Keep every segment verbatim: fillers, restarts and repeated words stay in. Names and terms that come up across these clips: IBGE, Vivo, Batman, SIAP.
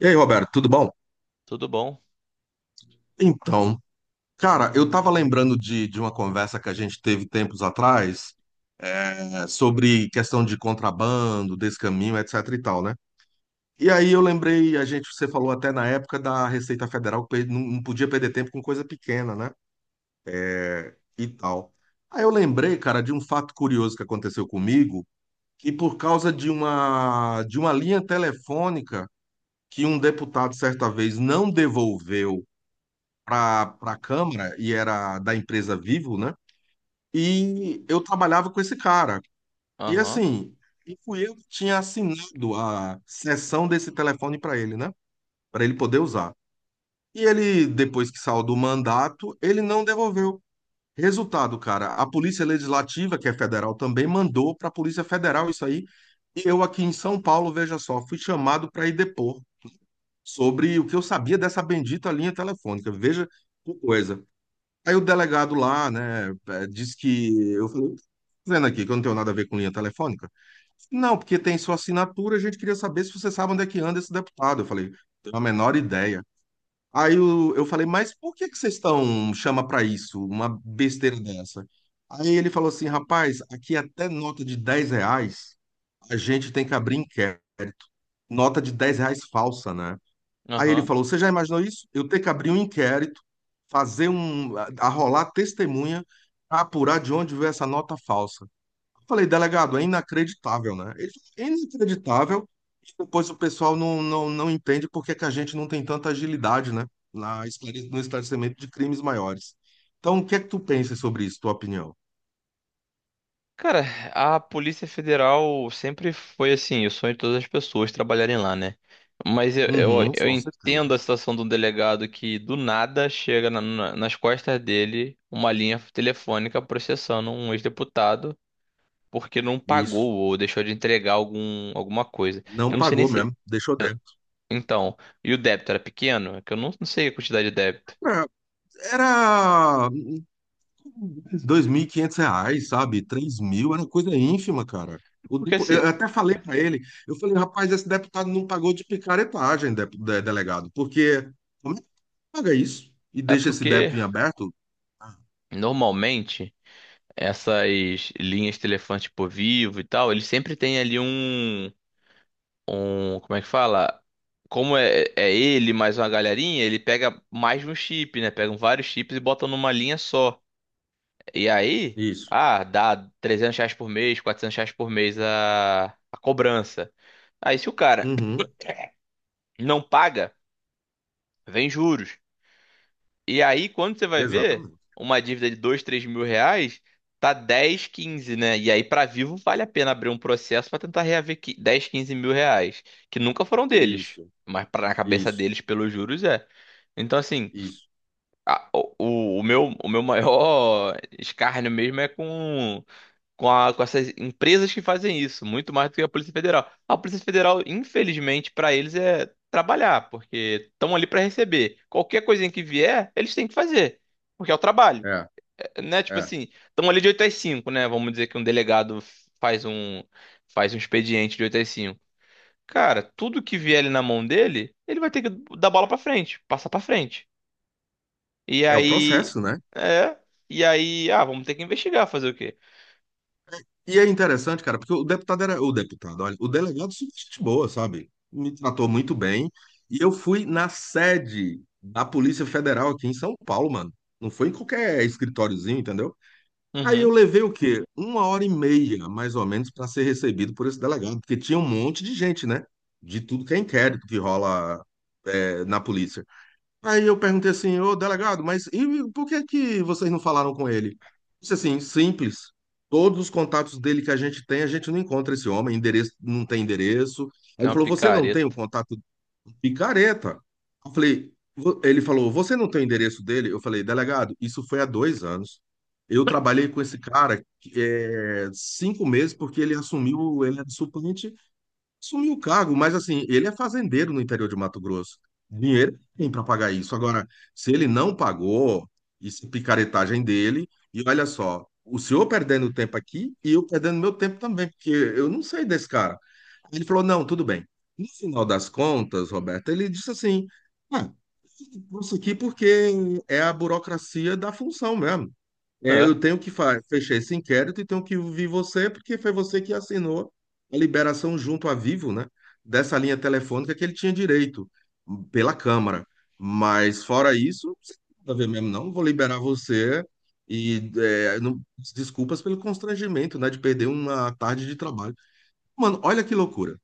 E aí, Roberto, tudo bom? Tudo bom? Então, cara, eu tava lembrando de, de uma conversa que a gente teve tempos atrás, é, sobre questão de contrabando, desse caminho, etc e tal, né? E aí eu lembrei, a gente, você falou até na época da Receita Federal que não não podia perder tempo com coisa pequena, né? É, e tal. Aí eu lembrei, cara, de um fato curioso que aconteceu comigo, que por causa de uma de uma linha telefônica que um deputado certa vez não devolveu para a Câmara e era da empresa Vivo, né? E eu trabalhava com esse cara. E Aham, assim, e fui eu que tinha assinado a cessão desse telefone para ele, né? Para ele poder usar. E ele, depois que saiu do mandato, ele não devolveu. Resultado, cara, a Polícia Legislativa, que é federal também, mandou para a Polícia Federal isso aí. E eu aqui em São Paulo, veja só, fui chamado para ir depor sobre o que eu sabia dessa bendita linha telefônica. Veja que coisa. Aí o delegado lá, né, eh, disse que eu falei, dizendo aqui que eu não tenho nada a ver com linha telefônica. Não, porque tem sua assinatura, a gente queria saber se você sabe onde é que anda esse deputado. Eu falei, tenho a menor ideia. Aí eu, eu falei, mas por que que vocês estão chama para isso, uma besteira dessa? Aí ele falou assim, rapaz, aqui é até nota de dez reais a gente tem que abrir inquérito. Nota de dez reais falsa, né? Aí ele aham. falou: Você já imaginou isso? Eu ter que abrir um inquérito, fazer um, arrolar testemunha, pra apurar de onde veio essa nota falsa. Eu falei, delegado, é inacreditável, né? Ele falou, é inacreditável. E depois o pessoal não, não, não entende por que que a gente não tem tanta agilidade, né? Na, esclare- no esclarecimento de crimes maiores. Então, o que é que tu pensa sobre isso, tua opinião? Cara, a Polícia Federal sempre foi assim, o sonho de todas as pessoas trabalharem lá, né? Mas eu, eu, Uhum, eu com entendo certeza. a situação de um delegado que do nada chega na- na- nas costas dele uma linha telefônica processando um ex-deputado porque não Isso. pagou ou deixou de entregar algum, alguma coisa. Não Eu não sei nem pagou se. mesmo, deixou débito. Então, e o débito era pequeno? É que eu não, não sei a quantidade de débito. Era, era dois mil e quinhentos reais, sabe? Três mil, era coisa ínfima, cara. O Porque depo- assim, eu até falei para ele, eu falei, rapaz, esse deputado não pagou de picaretagem, de- de- delegado, porque como é que paga isso e é deixa esse porque débito em aberto? Ah, normalmente, essas linhas telefantes por vivo e tal, ele sempre tem ali um, um, como é que fala? Como é, é ele mais uma galerinha, ele pega mais de um chip, né? Pegam vários chips e botam numa linha só. E aí, isso. ah, dá trezentos reais por mês, quatrocentos reais por mês a, a cobrança. Aí se o cara Uhum, não paga, vem juros. E aí, quando você vai ver, exatamente. uma dívida de dois três mil reais tá dez quinze, né? E aí, pra vivo, vale a pena abrir um processo pra tentar reaver qui- dez quinze mil reais, que nunca foram deles, Isso, mas pra, na cabeça isso, deles, pelos juros, é. Então, assim, isso. a- o, o o meu, o meu maior escárnio mesmo é com com, a- com essas empresas que fazem isso, muito mais do que a Polícia Federal. A Polícia Federal, infelizmente, para eles é trabalhar, porque estão ali para receber. Qualquer coisinha que vier, eles têm que fazer, porque é o trabalho. É, É, né? Tipo é. assim, estão ali de oito às cinco, né? Vamos dizer que um delegado faz um faz um expediente de oito às cinco. Cara, tudo que vier ali na mão dele, ele vai ter que dar bola para frente, passar para frente. E É o aí, processo, né? é, e aí, ah, vamos ter que investigar, fazer o quê? E é interessante, cara, porque o deputado era. O deputado, olha, o delegado super gente boa, sabe? Me tratou muito bem. E eu fui na sede da Polícia Federal aqui em São Paulo, mano. Não foi em qualquer escritóriozinho, entendeu? Aí Uhum, eu levei o quê? Uma hora e meia, mais ou menos, para ser recebido por esse delegado, porque tinha um monte de gente, né? De tudo que é inquérito que rola, é, na polícia. Aí eu perguntei assim, ô delegado, mas e por que que vocês não falaram com ele? Disse assim, simples. Todos os contatos dele que a gente tem, a gente não encontra esse homem, endereço, não tem endereço. Aí é ele uma falou, você não tem o picareta. contato do picareta? Eu falei, vo- ele falou, você não tem o endereço dele? Eu falei, delegado, isso foi há dois anos. Eu trabalhei com esse cara é, cinco meses porque ele assumiu, ele era suplente. Sumiu o cargo, mas assim, ele é fazendeiro no interior de Mato Grosso. Dinheiro tem para pagar isso. Agora, se ele não pagou, isso é picaretagem dele. E olha só, o senhor perdendo tempo aqui e eu perdendo meu tempo também, porque eu não sei desse cara. Ele falou: não, tudo bem. No final das contas, Roberto, ele disse assim: ah, isso aqui porque é a burocracia da função mesmo. É, eu É. tenho que fa- fechar esse inquérito e tenho que ouvir você, porque foi você que assinou a liberação junto à Vivo, né? Dessa linha telefônica que ele tinha direito pela Câmara. Mas fora isso, você não tem nada a ver mesmo, não. Vou liberar você e é, não- desculpas pelo constrangimento, né? De perder uma tarde de trabalho. Mano, olha que loucura.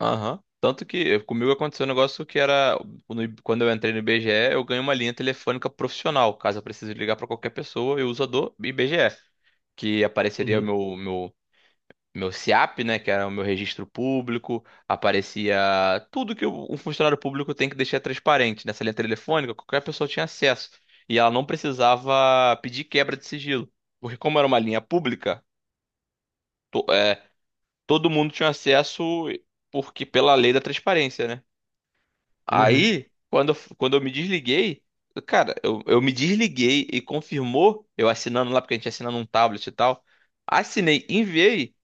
Aham. Tanto que eu- comigo aconteceu um negócio que era no I- quando eu entrei no I B G E, eu ganhei uma linha telefônica profissional. Caso eu precise ligar para qualquer pessoa, eu uso a do I B G E, que apareceria o Uhum, meu meu meu S I A P, né, que era o meu registro público, aparecia tudo que o- um funcionário público tem que deixar transparente. Nessa linha telefônica, qualquer pessoa tinha acesso e ela não precisava pedir quebra de sigilo, porque como era uma linha pública, to- é, todo mundo tinha acesso porque pela lei da transparência, né? uhum. Aí, quando, eu- quando eu me desliguei, cara, eu, eu me desliguei e confirmou, eu assinando lá, porque a gente assina num tablet e tal. Assinei, enviei,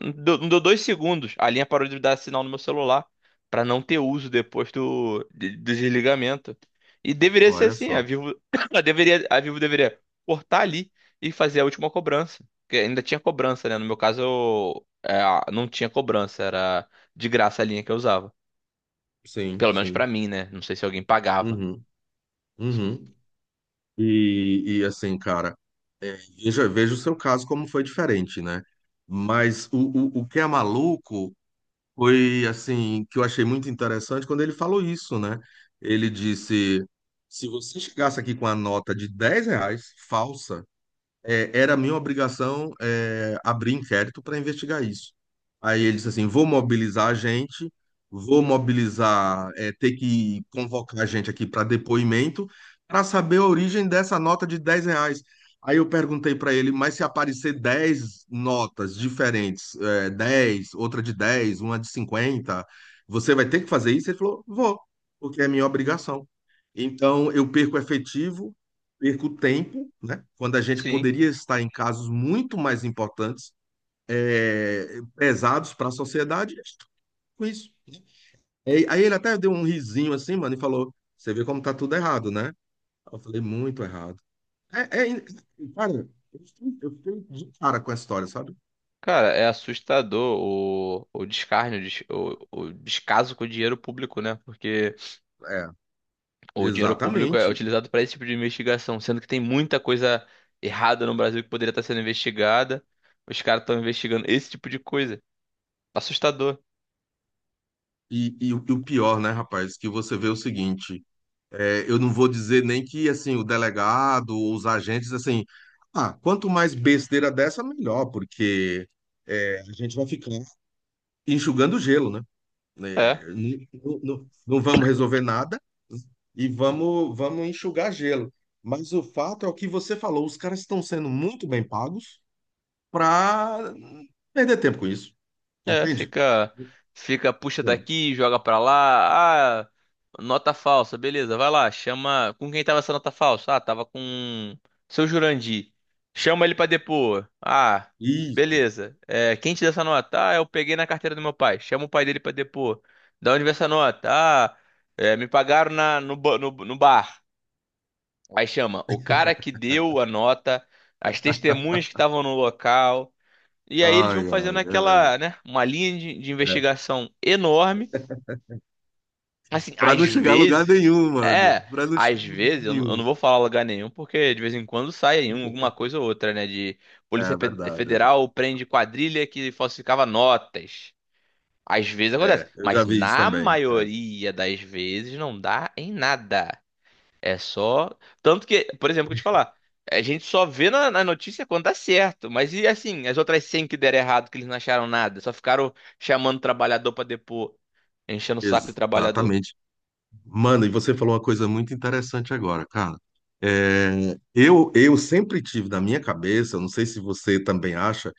não deu, não deu dois segundos, a linha parou de dar sinal no meu celular, pra não ter uso depois do, de- do desligamento. E deveria ser Olha assim, a só. Vivo, a deveria, a Vivo deveria cortar ali e fazer a última cobrança. Porque ainda tinha cobrança, né? No meu caso, eu, é, não tinha cobrança, era de graça a linha que eu usava. Sim, Pelo menos pra sim. mim, né? Não sei se alguém pagava. Uhum, uhum. E, e assim, cara, é, veja, veja o seu caso como foi diferente, né? Mas o, o, o, que é maluco foi, assim, que eu achei muito interessante quando ele falou isso, né? Ele disse: se você chegasse aqui com a nota de dez reais falsa, é, era minha obrigação é, abrir inquérito para investigar isso. Aí ele disse assim: vou mobilizar a gente, vou mobilizar, é, ter que convocar a gente aqui para depoimento, para saber a origem dessa nota de dez reais. Aí eu perguntei para ele: mas se aparecer dez notas diferentes, é, dez, outra de dez, uma de cinquenta, você vai ter que fazer isso? Ele falou: vou, porque é minha obrigação. Então eu perco efetivo perco tempo, né? Quando a gente Sim. poderia estar em casos muito mais importantes, é, pesados para a sociedade, e com isso. E- Aí ele até deu um risinho assim, mano, e falou: Você vê como tá tudo errado, né? Eu falei: Muito errado. É, é, cara, eu fiquei eu fiquei de cara com a história, sabe? Cara, é assustador o, o descarne, o, des- o- o descaso com o dinheiro público, né? Porque É, o dinheiro público é exatamente. utilizado para esse tipo de investigação, sendo que tem muita coisa errada no Brasil que poderia estar sendo investigada. Os caras estão investigando esse tipo de coisa. Assustador. E, e o e o pior, né, rapaz, que você vê o seguinte. É, eu não vou dizer nem que assim o delegado os agentes assim, ah, quanto mais besteira dessa, melhor, porque é, a gente vai ficar enxugando gelo, né? É. É, n- n- n- não, vamos resolver nada e vamos, vamos, enxugar gelo. Mas o fato é o que você falou, os caras estão sendo muito bem pagos para perder tempo com isso, É, entende? fica, fica, puxa É. daqui, joga pra lá. Ah, nota falsa, beleza, vai lá, chama. Com quem tava essa nota falsa? Ah, tava com seu Jurandir. Chama ele pra depor. Ah, Isso. beleza. É, quem te deu essa nota? Ah, eu peguei na carteira do meu pai. Chama o pai dele pra depor. Da onde veio essa nota? Ah, é, me pagaram na, no, ba- no, no bar. Aí chama o cara que deu a nota, as testemunhas que estavam no local. E aí eles Ai, vão ai, fazendo é verdade. aquela, né, uma linha de, de investigação enorme. Assim, Para às não chegar a lugar vezes, nenhum, mano. é, Para não às chegar a lugar vezes, eu, não eu nenhum. não vou falar lugar nenhum, porque de vez em quando sai aí um- alguma coisa ou outra, né, de É Polícia Pe- verdade. É, Federal prende quadrilha que falsificava notas. Às vezes acontece, é, eu já mas vi isso na também. É, maioria das vezes não dá em nada. É só. Tanto que, por exemplo, que eu te falar, a gente só vê na, na notícia quando dá certo. Mas e assim, as outras cem que deram errado, que eles não acharam nada, só ficaram chamando o trabalhador pra depor, enchendo o saco do trabalhador. exatamente. Mano, e você falou uma coisa muito interessante agora, cara. É, eu, eu sempre tive na minha cabeça, eu não sei se você também acha,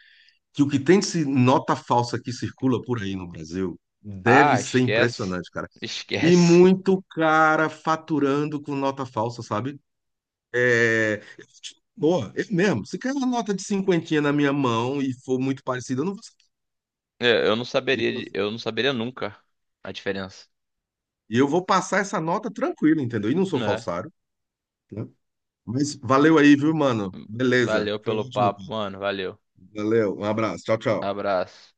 que o que tem de se- nota falsa que circula por aí no Brasil deve Ah, ser esquece. impressionante, cara. E Esquece. muito cara faturando com nota falsa, sabe? É, boa, eu mesmo. Se cair uma nota de cinquentinha na minha mão e for muito parecida, eu não vou É, eu não saberia, de- saber. eu não saberia nunca a diferença. E eu vou passar essa nota tranquilo, entendeu? E não sou Né? falsário, né? Mas valeu aí, viu, mano? Beleza. Valeu Foi pelo ótimo. papo, mano. Valeu. Valeu. Um abraço. Tchau, tchau. Abraço.